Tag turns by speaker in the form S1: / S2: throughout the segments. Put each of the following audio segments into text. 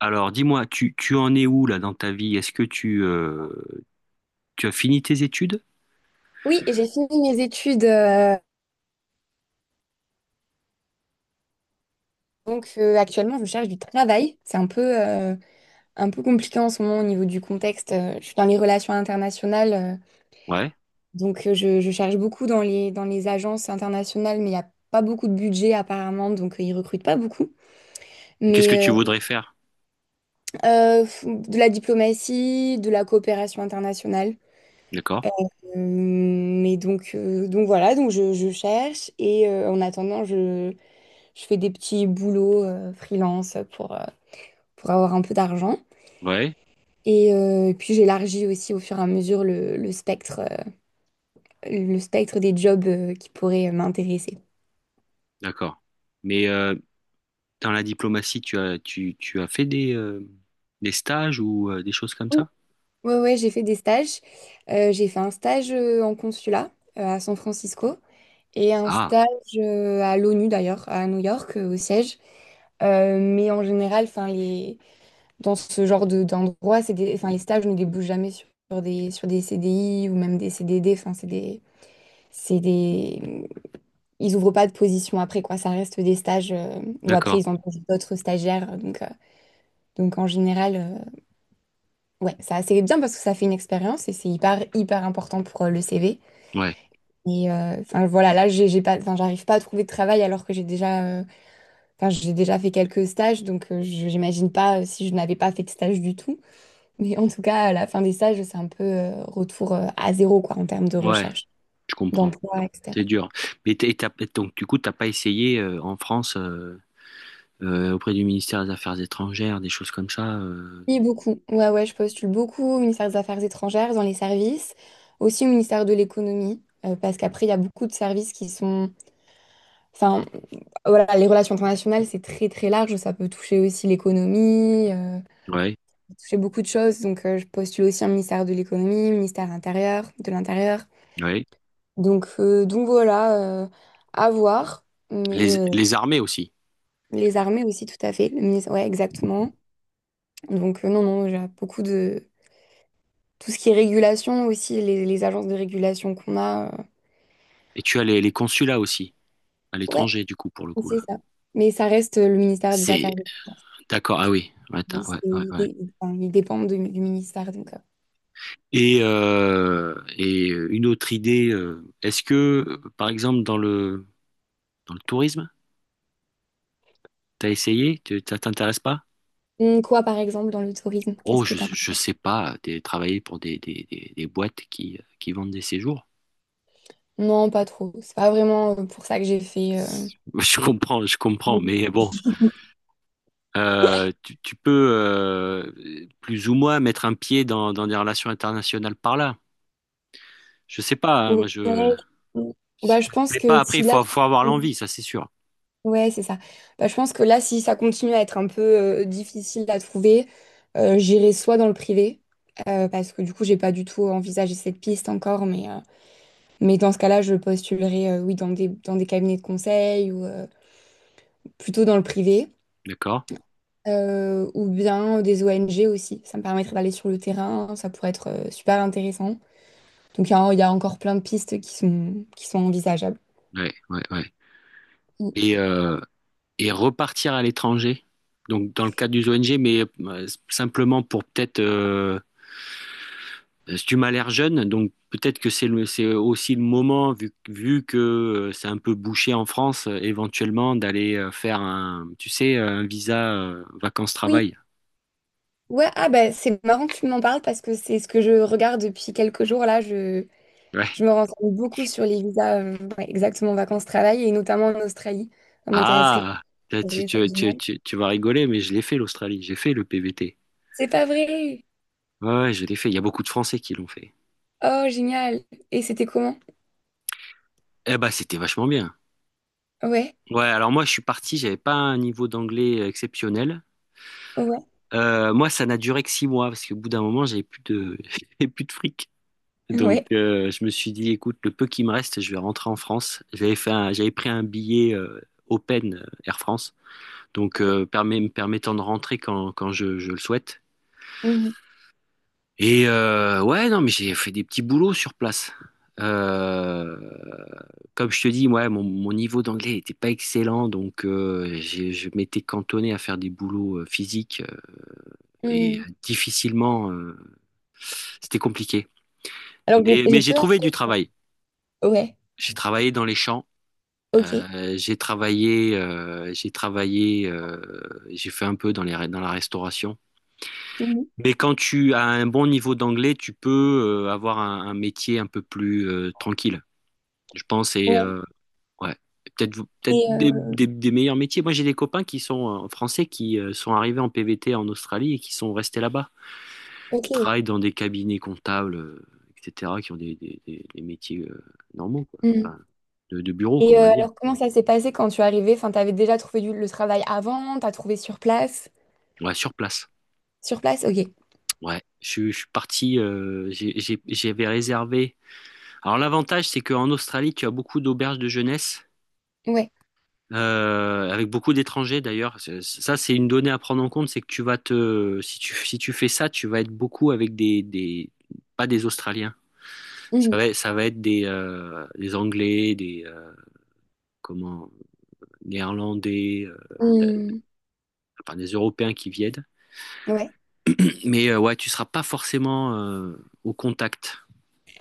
S1: Alors, dis-moi, tu en es où là dans ta vie? Est-ce que tu as fini tes études?
S2: Oui, j'ai fini mes études. Actuellement, je cherche du travail. C'est un peu compliqué en ce moment au niveau du contexte. Je suis dans les relations internationales.
S1: Ouais.
S2: Je cherche beaucoup dans les agences internationales, mais il n'y a pas beaucoup de budget apparemment. Ils recrutent pas beaucoup.
S1: Et qu'est-ce que tu
S2: Mais euh,
S1: voudrais faire?
S2: de la diplomatie, de la coopération internationale.
S1: D'accord.
S2: Voilà, je cherche. En attendant, je fais des petits boulots freelance pour avoir un peu d'argent.
S1: Ouais.
S2: Puis j'élargis aussi au fur et à mesure le, le spectre des jobs qui pourraient m'intéresser.
S1: D'accord. Mais dans la diplomatie, tu as fait des stages ou des choses comme
S2: Oui.
S1: ça?
S2: Ouais, ouais, j'ai fait des stages. J'ai fait un stage en consulat à San Francisco et un
S1: Ah,
S2: stage à l'ONU d'ailleurs, à New York, au siège. Mais en général, enfin, les... dans ce genre de, d'endroit, c'est des... enfin, les stages ne débouchent jamais sur, sur des CDI ou même des CDD. Enfin, c'est des... C'est des... ils ouvrent pas de position après, quoi. Ça reste des stages où après,
S1: d'accord.
S2: ils ont d'autres stagiaires. Donc en général, ouais, ça c'est bien parce que ça fait une expérience et c'est hyper, hyper important pour le CV.
S1: Ouais.
S2: Enfin, voilà, là, j'ai pas, enfin, j'arrive pas à trouver de travail alors que j'ai déjà, enfin, j'ai déjà fait quelques stages. Donc j'imagine pas si je n'avais pas fait de stage du tout. Mais en tout cas, à la fin des stages, c'est un peu retour à zéro, quoi, en termes de
S1: Ouais,
S2: recherche,
S1: je comprends.
S2: d'emploi,
S1: C'est
S2: etc.
S1: dur. Mais donc, du coup, t'as pas essayé en France auprès du ministère des Affaires étrangères, des choses comme ça?
S2: Oui, beaucoup. Ouais, ouais, je postule beaucoup au ministère des Affaires étrangères, dans les services, aussi au ministère de l'économie, parce qu'après, il y a beaucoup de services qui sont... Enfin, voilà, les relations internationales, c'est très, très large. Ça peut toucher aussi l'économie,
S1: Ouais.
S2: toucher beaucoup de choses. Donc, je postule aussi un ministère de l'économie, ministère intérieur, de l'intérieur.
S1: Ouais.
S2: Donc, voilà, à voir. Mais
S1: Les,
S2: euh,
S1: les armées aussi.
S2: les armées aussi, tout à fait. Le ministère... Ouais, exactement. Donc, non, non, j'ai beaucoup de... tout ce qui est régulation aussi, les agences de régulation qu'on a.
S1: Et tu as les consulats aussi à
S2: Ouais,
S1: l'étranger, du coup, pour le coup, là.
S2: c'est ça. Mais ça reste le ministère des
S1: C'est.
S2: Affaires étrangères.
S1: D'accord, ah oui, ouais,
S2: Il, c'est-
S1: ouais, ouais,
S2: il
S1: ouais.
S2: dé- il- Enfin, il dépend du ministère.
S1: Et une autre idée, est-ce que, par exemple, dans le tourisme, t'as essayé? Ça t'intéresse pas?
S2: Quoi, par exemple, dans le tourisme?
S1: Oh,
S2: Qu'est-ce que
S1: je,
S2: t'as?
S1: je sais pas, travailler pour des boîtes qui vendent des séjours.
S2: Non, pas trop. C'est pas vraiment pour ça que j'ai fait.
S1: Je comprends,
S2: Ouais.
S1: mais bon, Tu peux plus ou moins mettre un pied dans des relations internationales par là. Je sais pas, hein, moi je,
S2: Ouais.
S1: si
S2: Bah, je
S1: ça te
S2: pense
S1: plaît
S2: que
S1: pas, après
S2: si
S1: il
S2: là,
S1: faut, faut avoir l'envie, ça c'est sûr.
S2: Ouais, c'est ça. Bah, je pense que là, si ça continue à être un peu difficile à trouver, j'irai soit dans le privé, parce que du coup, j'ai pas du tout envisagé cette piste encore, mais mais dans ce cas-là, je postulerai oui, dans des cabinets de conseil ou plutôt dans le privé,
S1: D'accord?
S2: ou bien des ONG aussi. Ça me permettrait d'aller sur le terrain, ça pourrait être super intéressant. Donc, il y a encore plein de pistes qui sont envisageables.
S1: Ouais, ouais, ouais. Et, euh, et repartir à l'étranger, donc dans le cadre d'une ONG, mais simplement pour peut-être, si tu m'as l'air jeune, donc peut-être que c'est aussi le moment, vu que c'est un peu bouché en France, éventuellement d'aller faire un visa
S2: Oui,
S1: vacances-travail.
S2: ouais, ah bah, c'est marrant que tu m'en parles parce que c'est ce que je regarde depuis quelques jours là.
S1: Ouais.
S2: Je me renseigne beaucoup sur les visas, ouais, exactement vacances-travail et notamment en Australie. Ça m'intéresserait.
S1: Ah, tu,
S2: C'est vrai, ça,
S1: tu, tu,
S2: génial.
S1: tu, tu vas rigoler, mais je l'ai fait l'Australie, j'ai fait le PVT.
S2: C'est pas vrai!
S1: Ouais, ouais, je l'ai fait. Il y a beaucoup de Français qui l'ont fait.
S2: Oh, génial! Et c'était comment?
S1: Eh ben, c'était vachement bien.
S2: Ouais,
S1: Ouais, alors moi je suis parti, j'avais pas un niveau d'anglais exceptionnel.
S2: ouais,
S1: Moi ça n'a duré que 6 mois parce qu'au bout d'un moment j'avais plus de j'avais plus de fric. Donc
S2: ouais.
S1: euh, je me suis dit écoute le peu qui me reste je vais rentrer en France. J'avais pris un billet Open Air France donc me permettant de rentrer quand je le souhaite.
S2: Mhm,
S1: Ouais, non, mais j'ai fait des petits boulots sur place. Euh, Comme je te dis, ouais, mon niveau d'anglais n'était pas excellent, donc je m'étais cantonné à faire des boulots physiques et
S2: mhm.
S1: difficilement, c'était compliqué. Mais,
S2: J'ai
S1: mais j'ai
S2: peur.
S1: trouvé du travail.
S2: Ouais,
S1: J'ai travaillé dans les champs,
S2: ok.
S1: euh, j'ai travaillé, euh, j'ai travaillé, euh, j'ai fait un peu dans la restauration.
S2: Mhm.
S1: Mais quand tu as un bon niveau d'anglais, tu peux avoir un métier un peu plus tranquille, je pense.
S2: Ouais.
S1: Ouais, peut-être peut-être
S2: Et
S1: des,
S2: euh,
S1: des- des meilleurs métiers. Moi, j'ai des copains qui sont français qui sont arrivés en PVT en Australie et qui sont restés là-bas, qui
S2: ok.
S1: travaillent dans des cabinets comptables, etc., qui ont des métiers normaux, quoi.
S2: Mhm.
S1: Enfin, de bureau, quoi, on va dire.
S2: Alors comment ça s'est passé quand tu es arrivée? Enfin, t'avais déjà trouvé du- le travail avant, t'as trouvé sur place?
S1: Ouais, sur place.
S2: Sur place, ok.
S1: Ouais, je suis parti, j'avais réservé. Alors l'avantage, c'est qu'en Australie, tu as beaucoup d'auberges de jeunesse
S2: Ouais.
S1: avec beaucoup d'étrangers d'ailleurs. Ça, c'est une donnée à prendre en compte, c'est que si tu fais ça, tu vas être beaucoup avec pas des Australiens. Ça va être des Anglais, comment, Néerlandais, t'as-
S2: Hmm.
S1: enfin, des Européens qui viennent.
S2: Ouais,
S1: Mais ouais, tu seras pas forcément au contact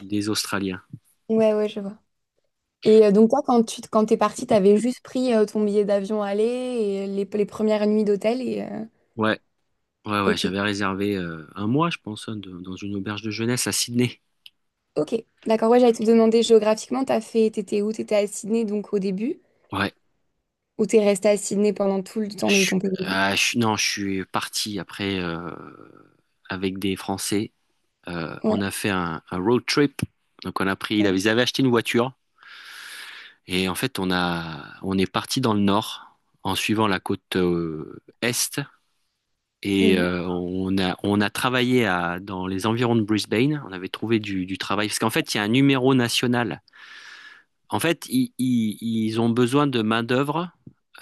S1: des Australiens.
S2: ouais, ouais, je vois. Donc toi, quand t'es partie, t'avais juste pris ton billet d'avion aller et les premières nuits d'hôtel et
S1: Ouais, ouais, ouais.
S2: ok,
S1: J'avais réservé un mois, je pense, hein, dans une auberge de jeunesse à Sydney.
S2: ok, d'accord. Ouais, j'allais te demander géographiquement, t'étais où? T'étais à Sydney donc au début
S1: Ouais.
S2: ou t'es restée à Sydney pendant tout le temps
S1: Je,
S2: de
S1: suis-
S2: ton pays?
S1: ah, non, je suis parti après avec des Français. On
S2: Ouais,
S1: a fait un road trip. Donc ils avaient
S2: ouais.
S1: ils avaient acheté une voiture et en fait on est parti dans le nord en suivant la côte est et
S2: Mhm.
S1: euh, on a travaillé dans les environs de Brisbane. On avait trouvé du travail parce qu'en fait il y a un numéro national. En fait, ils ont besoin de main-d'œuvre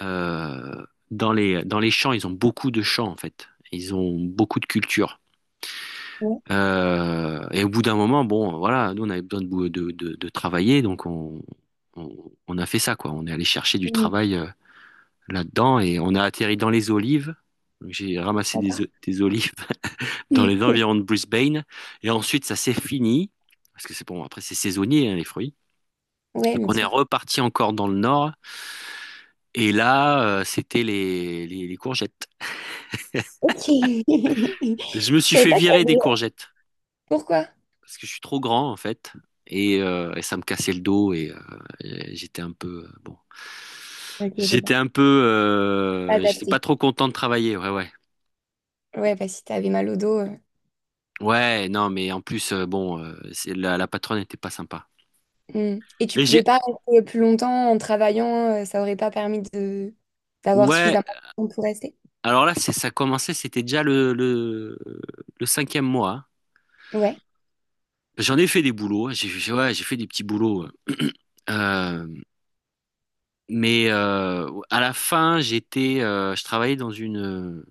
S1: euh, dans les champs. Ils ont beaucoup de champs, en fait. Ils ont beaucoup de culture.
S2: Ouais,
S1: Et au bout d'un moment, bon, voilà, nous, on avait besoin de, bou- de travailler, donc on a fait ça, quoi. On est allé chercher du
S2: mm,
S1: travail là-dedans et on a atterri dans les olives. Donc, j'ai ramassé des, o-
S2: d'accord.
S1: des olives dans les environs de Brisbane. Et ensuite, ça s'est fini, parce que c'est bon, après, c'est saisonnier, hein, les fruits.
S2: Ouais,
S1: Donc,
S2: bien
S1: on est
S2: sûr.
S1: reparti encore dans le nord. Et là, c'était les courgettes.
S2: Ok.
S1: Je
S2: Je
S1: me suis
S2: savais
S1: fait
S2: pas que
S1: virer des
S2: t'avais...
S1: courgettes
S2: Pourquoi?
S1: parce que je suis trop grand en fait. Et ça me cassait le dos et j'étais un peu bon.
S2: Ok, c'est bon.
S1: J'étais
S2: Adapté.
S1: pas trop content de travailler. Ouais, ouais,
S2: Ouais, bah si t'avais mal au dos.
S1: ouais. Non, mais en plus, bon, la patronne n'était pas sympa.
S2: Mm. Et tu
S1: Et
S2: pouvais
S1: j'ai,
S2: pas rester plus longtemps en travaillant, ça aurait pas permis de d'avoir
S1: ouais.
S2: suffisamment de temps pour rester.
S1: Alors là, c'est ça commençait. C'était déjà le cinquième mois.
S2: Ouais,
S1: J'en ai fait des boulots. Ouais, j'ai fait des petits boulots. Mais à la fin, je travaillais dans une,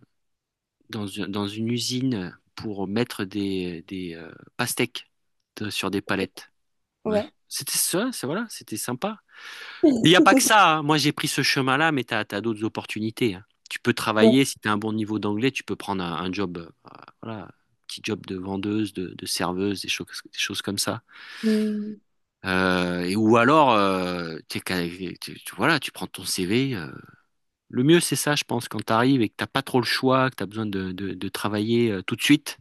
S1: dans, une- dans une usine pour mettre des, pastèques sur des palettes. Ouais.
S2: ouais.
S1: C'était ça, c'est voilà, c'était sympa. Mais il n'y a pas que ça, hein. Moi, j'ai pris ce chemin-là, mais tu as d'autres opportunités, hein. Tu peux
S2: Ouais.
S1: travailler, si tu as un bon niveau d'anglais, tu peux prendre un job, euh, voilà, petit job de vendeuse, de serveuse, des choses comme ça.
S2: Mm.
S1: Et, ou alors, voilà, tu prends ton CV. Le mieux, c'est ça, je pense, quand tu arrives et que t'as pas trop le choix, que tu as besoin de travailler tout de suite,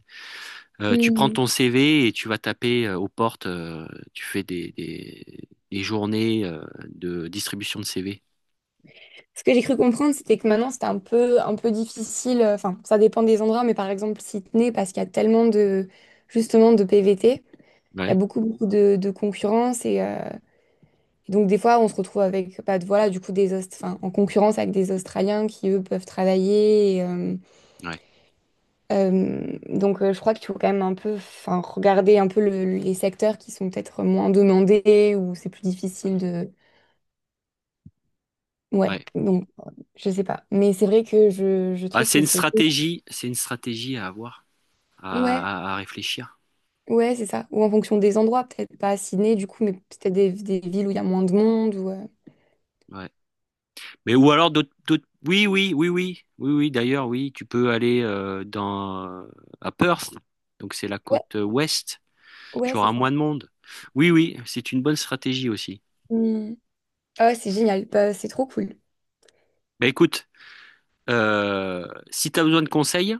S1: tu prends
S2: Mm.
S1: ton CV et tu vas taper aux portes, tu fais des journées de distribution de CV.
S2: Ce que j'ai cru comprendre, c'était que maintenant c'était un peu difficile. Enfin, ça dépend des endroits, mais par exemple Sydney, parce qu'il y a tellement de justement de PVT, il y a
S1: Ouais,
S2: beaucoup beaucoup de concurrence et donc des fois on se retrouve avec bah, voilà du coup des enfin, en concurrence avec des Australiens qui eux peuvent travailler.
S1: ouais,
S2: Je crois qu'il faut quand même un peu, enfin, regarder un peu les secteurs qui sont peut-être moins demandés ou c'est plus difficile de. Ouais,
S1: ouais.
S2: donc, je sais pas. Mais c'est vrai que je
S1: Ah,
S2: trouve que c'est.
S1: c'est une stratégie à avoir,
S2: Ouais,
S1: à réfléchir.
S2: ouais, c'est ça. Ou en fonction des endroits, peut-être pas à Sydney, du coup, mais peut-être des villes où il y a moins de monde ou.
S1: Ouais. Mais ou alors oui, oui, oui, oui, oui, oui. D'ailleurs, oui, tu peux aller dans à Perth, donc c'est la
S2: Ouais,
S1: côte ouest. Tu
S2: ouais, c'est
S1: auras
S2: ça.
S1: moins de monde. Oui, oui, c'est une bonne stratégie aussi.
S2: Hmm. Ah ouais, c'est génial. Bah, c'est trop cool.
S1: Bah écoute, si tu as besoin de conseils,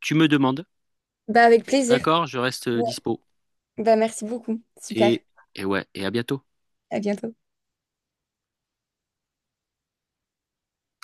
S1: tu me demandes.
S2: Bah, avec plaisir.
S1: D'accord? Je reste
S2: Ouais.
S1: dispo.
S2: Bah, merci beaucoup. Super.
S1: Et, et ouais, et à bientôt.
S2: À bientôt.